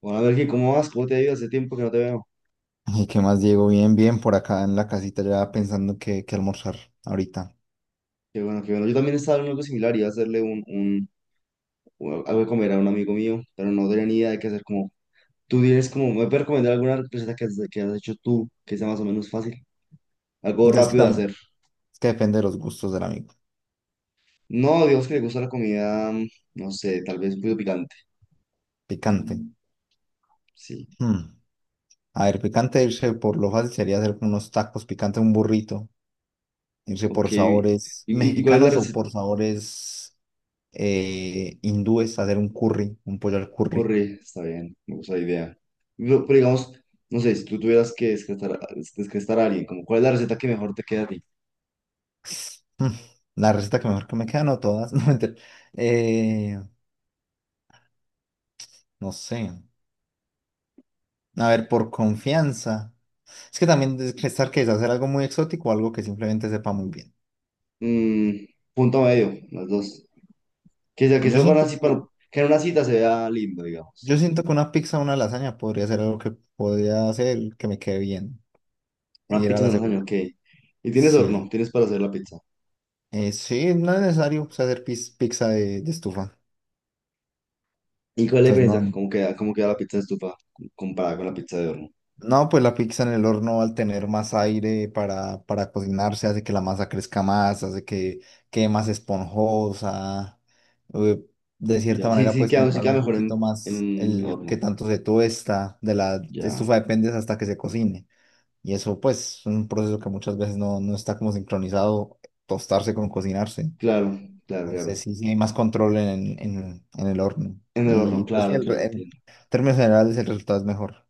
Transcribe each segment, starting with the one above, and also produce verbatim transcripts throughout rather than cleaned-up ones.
Bueno, Melqui, ¿cómo vas? ¿Cómo te ha ido? Hace tiempo que no te veo. ¿Y qué más, Diego? Bien, bien, por acá en la casita ya pensando qué, qué almorzar ahorita. Qué bueno, qué bueno. Yo también estaba en algo similar, iba a hacerle un, un, un- algo de comer a un amigo mío, pero no tenía ni idea de qué hacer. Como, tú tienes como, ¿me puedes recomendar alguna receta que has, que has hecho tú que sea más o menos fácil? Algo Es que rápido de hacer. también, es que depende de los gustos del amigo. No, Dios que le gusta la comida, mm, no sé, tal vez un poquito picante. Picante. Sí, Mm. A ver, picante, irse por lo fácil sería hacer con unos tacos, picante un burrito, irse ok. por ¿Y, sabores y- y cuál es la mexicanos o receta? por sabores eh, hindúes, hacer un curry, un pollo al curry. Corre, está bien, me gusta la idea. Pero, pero digamos, no sé, si tú tuvieras que descartar, descartar a alguien, como, ¿cuál es la receta que mejor te queda a ti? Mm. La receta que mejor que me queda, no todas, no mentira. Eh, no sé. A ver, por confianza. Es que también estar que es hacer algo muy exótico o algo que simplemente sepa muy bien. Mm, punto medio, las dos. Que sea que Yo eso van siento así para que, que en una cita se vea lindo, yo digamos. siento que una pizza o una lasaña podría ser algo que podría hacer que me quede bien. Y Una era pizza la en el año, segunda. ok. Y tienes horno, Sí. tienes para hacer la pizza. Eh, sí, no es necesario pues, hacer pis- pizza de, de estufa. ¿Y cuál es la Entonces no. diferencia? ¿Cómo queda, cómo queda la pizza de estufa comparada con la pizza de horno? No, pues la pizza en el horno, al tener más aire para, para cocinarse, hace que la masa crezca más, hace que quede más esponjosa. eh, De cierta Ya, sí, manera sí puedes queda, sí controlar queda un mejor en, poquito en más un el que horno. tanto se tuesta; de la Ya, estufa dependes hasta que se cocine. Y eso pues es un proceso que muchas veces no, no está como sincronizado, tostarse con cocinarse. claro, claro, Entonces claro. sí, sí hay más control en, en, en el horno. En el horno, Y pues sí, claro, el, claro, re- en entiendo. términos generales el resultado es mejor.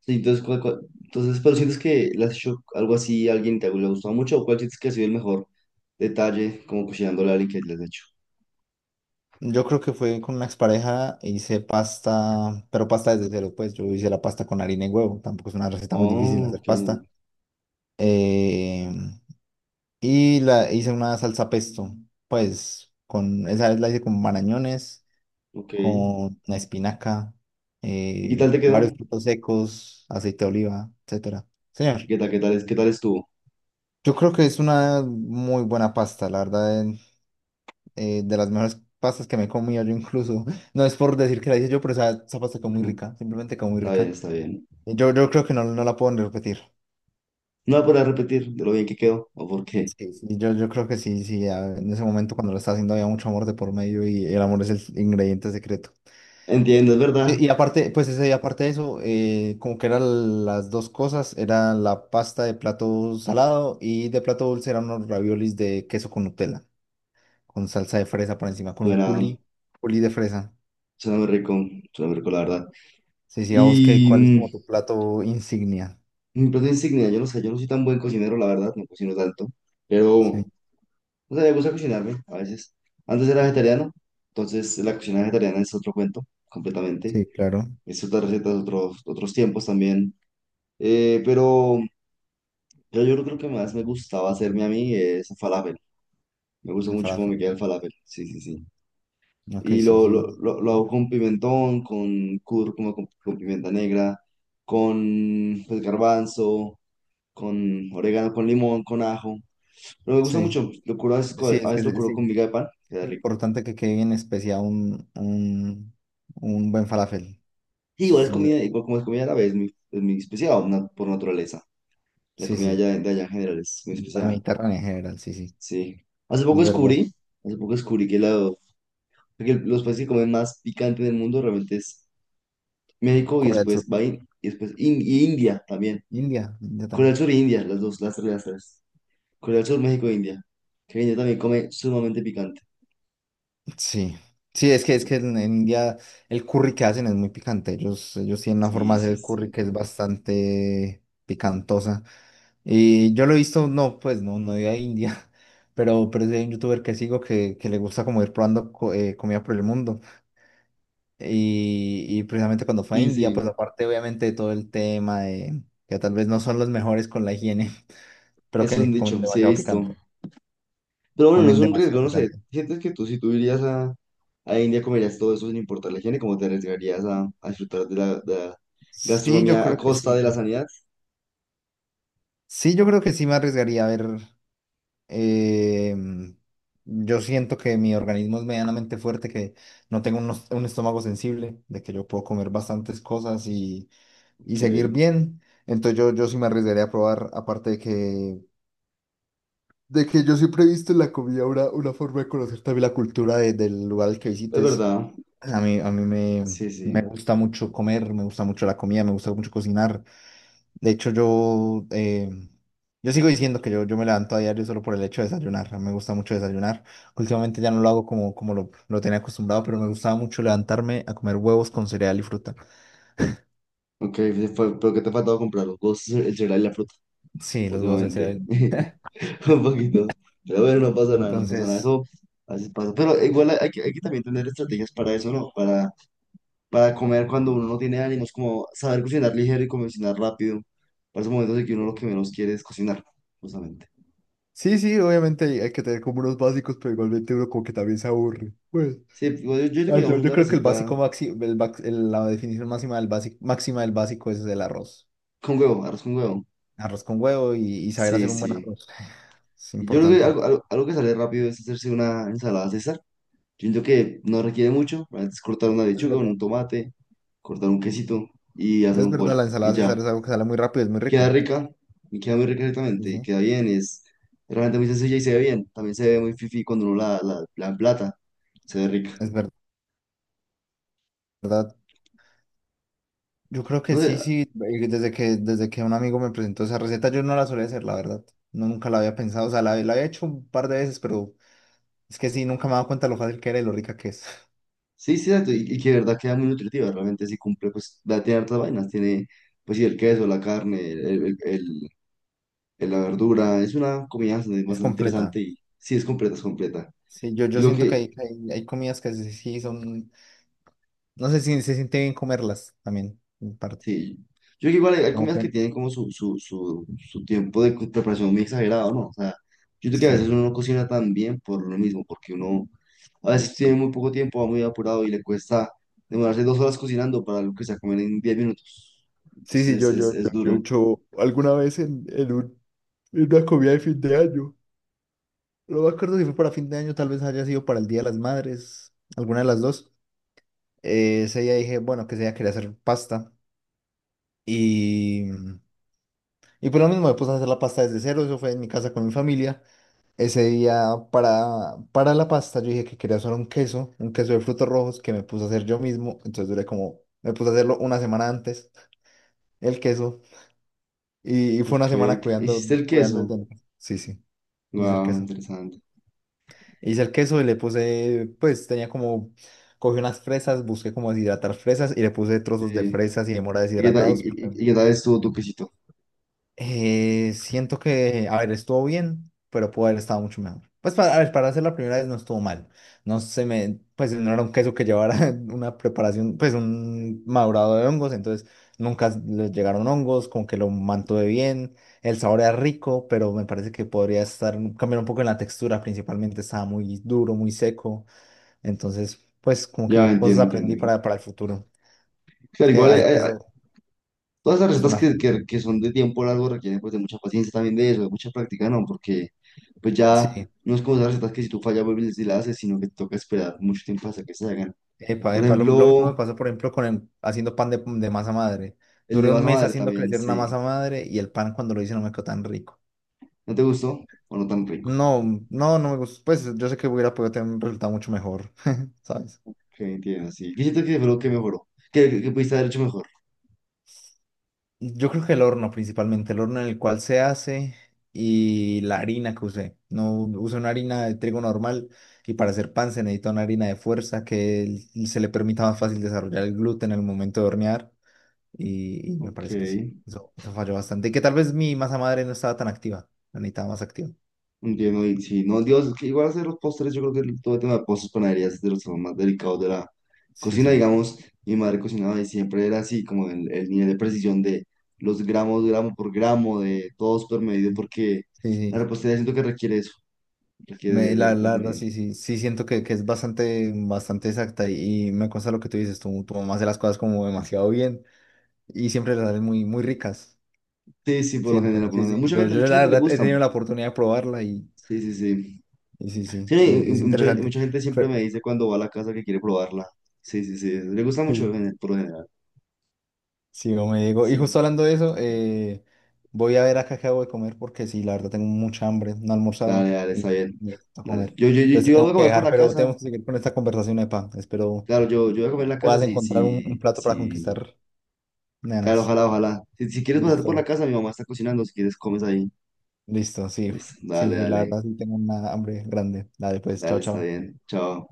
Sí, entonces, ¿cuál- cuál- entonces, pero sientes que le has hecho algo así a alguien y te ha le ha gustado mucho, o cuál sientes que ha sido el mejor detalle como cocinando a alguien que le has hecho? Yo creo que fue con una expareja, hice pasta, pero pasta desde cero, pues yo hice la pasta con harina y huevo, tampoco es una receta muy difícil Oh, hacer ok. pasta. Eh, y la hice una salsa pesto, pues con esa vez la hice con marañones, Ok. con ¿Y una espinaca, qué tal eh, te varios quedó? frutos secos, aceite de oliva, etcétera. ¿Y Señor, ¿Qué tal, qué tal, es- qué tal estuvo? yo creo que es una muy buena pasta, la verdad, eh, de las mejores pastas que me he comido yo incluso. No es por decir que la hice yo, pero esa, esa pasta quedó muy Ujú. rica, simplemente quedó muy Está bien, rica. está bien. Y Yo, yo creo que no, no la puedo ni repetir. No voy a poder repetir de lo bien que quedó o por qué. Sí, sí. Y yo, yo creo que sí, sí, a- en ese momento cuando lo estaba haciendo había mucho amor de por medio y el amor es el ingrediente secreto. Entiendo, es verdad. Y, y aparte, pues ese, y aparte de eso, eh, como que eran las dos cosas, era la pasta de plato salado, y de plato dulce eran unos raviolis de queso con Nutella, con salsa de fresa por encima, con un Suena, culi, culi de fresa. suena muy rico, suena muy rico, la verdad. Sí, sí, a vos qué, Y ¿cuál es mm, como tu plato insignia? mi plato insignia, yo no sé, yo no soy tan buen cocinero, la verdad, no cocino tanto, pero, Sí, no sé, me gusta cocinarme a veces. Antes era vegetariano, entonces la cocina vegetariana es otro cuento, completamente. sí, claro, Es otras recetas, otros, otros tiempos también. Eh, pero... yo yo creo que que más me gustaba hacerme a mí es falafel. Me gusta el mucho cómo falafel. me queda el falafel. Sí, sí, sí. Ok, Y sí, lo, lo, sí. lo, lo ¿No? hago con pimentón, con cúrcuma, con, con pimienta negra, con pues, garbanzo, con orégano, con limón, con ajo. Pero me gusta Sí, mucho. Lo curo a veces, co- sí, a es que veces lo es, curo con sí, miga de pan. Queda es rico. importante que quede bien especial un, un, un buen falafel. Y igual Es es la- comida, igual como es comida árabe, es muy, es muy especial na- por naturaleza. La Sí, comida sí, allá- de allá en general es muy la especial. Mediterránea en general, sí, sí, Sí. Hace poco es verdad. descubrí, hace poco descubrí que, la- que los países que comen más picante del mundo realmente es México y Corea del Sur, después, va in- y después in- y India también. India, India Corea del también. Sur e India, las dos, las tres, las tres. Corea del Sur, México e India. Que India también come sumamente picante. Sí, sí, es que, es que en, en India el curry que hacen es muy picante. Ellos, ellos tienen una forma Sí, de sí, hacer el curry sí. que es bastante picantosa. Y yo lo he visto, no, pues no, no de a India, pero, pero sí hay un youtuber que sigo que, que le gusta como ir probando co- eh, comida por el mundo. Y, y precisamente cuando fue a Sí, India, pues sí. aparte obviamente de todo el tema de que tal vez no son los mejores con la higiene, pero Eso es un que comen dicho, sí he demasiado visto. picante, Pero bueno, no comen es un riesgo, demasiado no sé. picante. ¿Sientes que tú, si tú irías a, a India, comerías todo eso sin importar la higiene? ¿Cómo te arriesgarías a, a disfrutar de la, de la Sí, yo gastronomía a creo que costa sí. de la sanidad? Sí, yo creo que sí me arriesgaría a ver. Eh, yo siento que mi organismo es medianamente fuerte, que no tengo un, os- un estómago sensible, de que yo puedo comer bastantes cosas y, y Ok, seguir es bien. Entonces yo, yo sí me arriesgaría a probar, aparte de que, de que yo siempre he visto en la comida una, una forma de conocer también la cultura de- del lugar al que visites. verdad. A mí, a mí me, Sí, me sí. gusta mucho comer, me gusta mucho la comida, me gusta mucho cocinar. De hecho, yo, eh, yo sigo diciendo que yo, yo me levanto a diario solo por el hecho de desayunar. A mí me gusta mucho desayunar. Últimamente ya no lo hago como, como lo, lo tenía acostumbrado, pero me gustaba mucho levantarme a comer huevos con cereal y fruta. Ok, sí, fue- pero que te ha faltado comprar los dos, el cereal y la fruta Sí, los huevos del últimamente. cereal. Un poquito. Pero bueno, no pasa nada, no pasa nada. Entonces, Eso así pasa. Pero igual hay, hay que, hay que también tener estrategias para eso, ¿no? Para, para comer cuando uno no tiene ánimos, como saber cocinar ligero y cocinar rápido. Para esos momentos en que uno lo que menos quiere es cocinar, justamente. sí, sí, obviamente hay, hay que tener como unos básicos, pero igualmente uno como que también se aburre. Pues, Sí, igual yo, yo creo que ah, yo, llevamos yo una creo que el receta básico máximo, la definición máxima del básico, máxima del básico es el arroz. con huevo, arroz con huevo. Arroz con huevo y, y saber Sí, hacer un buen sí. arroz. Es Y yo creo que importante. algo, algo, algo que sale rápido es hacerse una ensalada César. Yo siento que no requiere mucho, es cortar una Es lechuga, verdad. un tomate, cortar un quesito y hacer Es un verdad, pollo la y ensalada ya. César es algo que sale muy rápido, es muy Y queda rico. rica, y queda muy rica exactamente, y Eso, queda bien, es realmente muy sencilla y se ve bien. También se ve muy fifi cuando uno la, la, la emplata, se ve rica. es verdad. Yo creo que No sé, sí, sí, eh, desde que, desde que un amigo me presentó esa receta, yo no la solía hacer, la verdad. No, nunca la había pensado, o sea, la, la había hecho un par de veces, pero es que sí, nunca me he dado cuenta lo fácil que era y lo rica que es. sí, sí, exacto, y, y que de verdad queda muy nutritiva, realmente sí cumple, pues da- tiene hartas vainas, tiene pues sí, el queso, la carne, el, el, el- el- la verdura, es una comida bastante Es bastante completa. interesante y sí es completa, es completa. Sí, yo, Y yo lo siento que que, hay, que hay, hay comidas que sí, sí son, no sé si se siente bien comerlas también, en parte. sí. Yo creo que igual hay, hay Como comidas que, que tienen como su, su, su, su tiempo de co- preparación muy exagerado, ¿no? O sea, yo creo que a veces sí. uno no cocina tan bien por lo mismo, porque uno a veces tiene muy poco tiempo, va muy apurado y le cuesta demorarse dos horas cocinando para algo que se va a comer en diez minutos. Sí, sí, Entonces es, yo, es, yo, es yo, yo he duro. hecho alguna vez en, en un- en una comida de fin de año. Lo me acuerdo si fue para fin de año, tal vez haya sido para el Día de las Madres, alguna de las dos. Eh, ese día dije, bueno, que ese día quería hacer pasta. Y, y por lo mismo, me puse a hacer la pasta desde cero, eso fue en mi casa con mi familia. Ese día para, para la pasta yo dije que quería hacer un queso, un queso de frutos rojos que me puse a hacer yo mismo. Entonces duré como, me puse a hacerlo una semana antes, el queso. Y, y fue una Ok, semana el- cuidando, hiciste el cuidando de queso. todo. Sí, sí, hice el Wow, queso. interesante. Hice el queso y le puse, pues tenía como, cogí unas fresas, busqué cómo deshidratar fresas y le puse trozos de Sí. fresas y de mora ¿Y qué tal, y, deshidratados. y- y- y qué tal estuvo tu quesito? Eh, siento que, a ver, estuvo bien, pero pudo haber estado mucho mejor. Pues para, a ver, para hacer la primera vez no estuvo mal. No se me, pues no era un queso que llevara una preparación, pues un madurado de hongos, entonces nunca le llegaron hongos, como que lo mantuve bien. El sabor era rico, pero me parece que podría estar, cambiar un poco en la textura, principalmente estaba muy duro, muy seco. Entonces, pues como Ya, que cosas entiendo, aprendí entiendo. para, para el futuro. Es Claro, que igual, hacer eh, que eh, eso todas las es recetas una... que, que, que son de tiempo largo requieren pues de mucha paciencia también de eso, de mucha práctica, ¿no? Porque pues ya Sí, no es como esas recetas que si tú fallas vuelves y las haces, sino que te toca esperar mucho tiempo hasta que se hagan. epa, Por epa, Lo, lo mismo ejemplo, me pasó, por ejemplo, con el- haciendo pan de, de masa madre. el de Duré un masa mes madre haciendo también, crecer una sí. masa madre y el pan cuando lo hice no me quedó tan rico. ¿No te gustó? ¿O no tan rico? No, no, no me gustó. Pues yo sé que hubiera podido tener un resultado mucho mejor, ¿sabes? Ok, entiendo, sí. ¿Qué siento que fue lo que mejoró? ¿Qué, qué, ¿qué pudiste haber hecho mejor? Yo creo que el horno principalmente, el horno en el cual se hace y la harina que usé. No usé una harina de trigo normal y para hacer pan se necesita una harina de fuerza que l- se le permita más fácil desarrollar el gluten en el momento de hornear y, y me Ok, parece que sí, eso, eso falló bastante. Y que tal vez mi masa madre no estaba tan activa, la necesitaba más activa. entiendo. Y sí, no, Dios, es que igual hacer los postres, yo creo que el- todo el tema de postres, panaderías es de los temas más delicados de la Sí, cocina, sí. digamos. Mi madre cocinaba y siempre era así, como el, el nivel de precisión de los gramos, gramo por gramo, de todo súper medido, Sí, porque la sí, sí. repostería siento que requiere eso, requiere Me- de, la, de, de la ese verdad, nivel. sí, sí, sí siento que, que es bastante, bastante exacta y, y me consta lo que tú dices, tú, tu mamá hace las cosas como demasiado bien. Y siempre las hacen muy, muy ricas, Sí, sí, por lo siento. general, por lo Sí, sí, general. Mucha yo, gente, yo mucha la gente le verdad he gusta, tenido la oportunidad de probarla y, sí, sí, sí. y sí, Sí, sí, eh, y- y es mucha, y interesante. mucha gente siempre Pero, me dice cuando va a la casa que quiere probarla. Sí, sí, sí. Le gusta mucho sí, en el- por lo general. sí, como me digo, y Sí. justo hablando de eso, eh, voy a ver acá qué hago de comer porque sí, la verdad tengo mucha hambre, no he almorzado Dale, dale, está y bien. necesito Dale. comer. Yo, yo, yo, Entonces te yo voy a tengo que comer por dejar, la pero casa. tenemos que seguir con esta conversación, Epa. Espero Claro, yo, yo voy a comer en la casa puedas si, encontrar un, si, un plato para si. conquistar Claro, nenas. ojalá, ojalá. Si, si quieres pasarte por la Listo, casa, mi mamá está cocinando. Si quieres, comes ahí. listo, sí, Listo. sí, Dale, sí, la dale. verdad sí tengo una hambre grande. Dale, pues, Dale, chao, está chao. bien. Chao.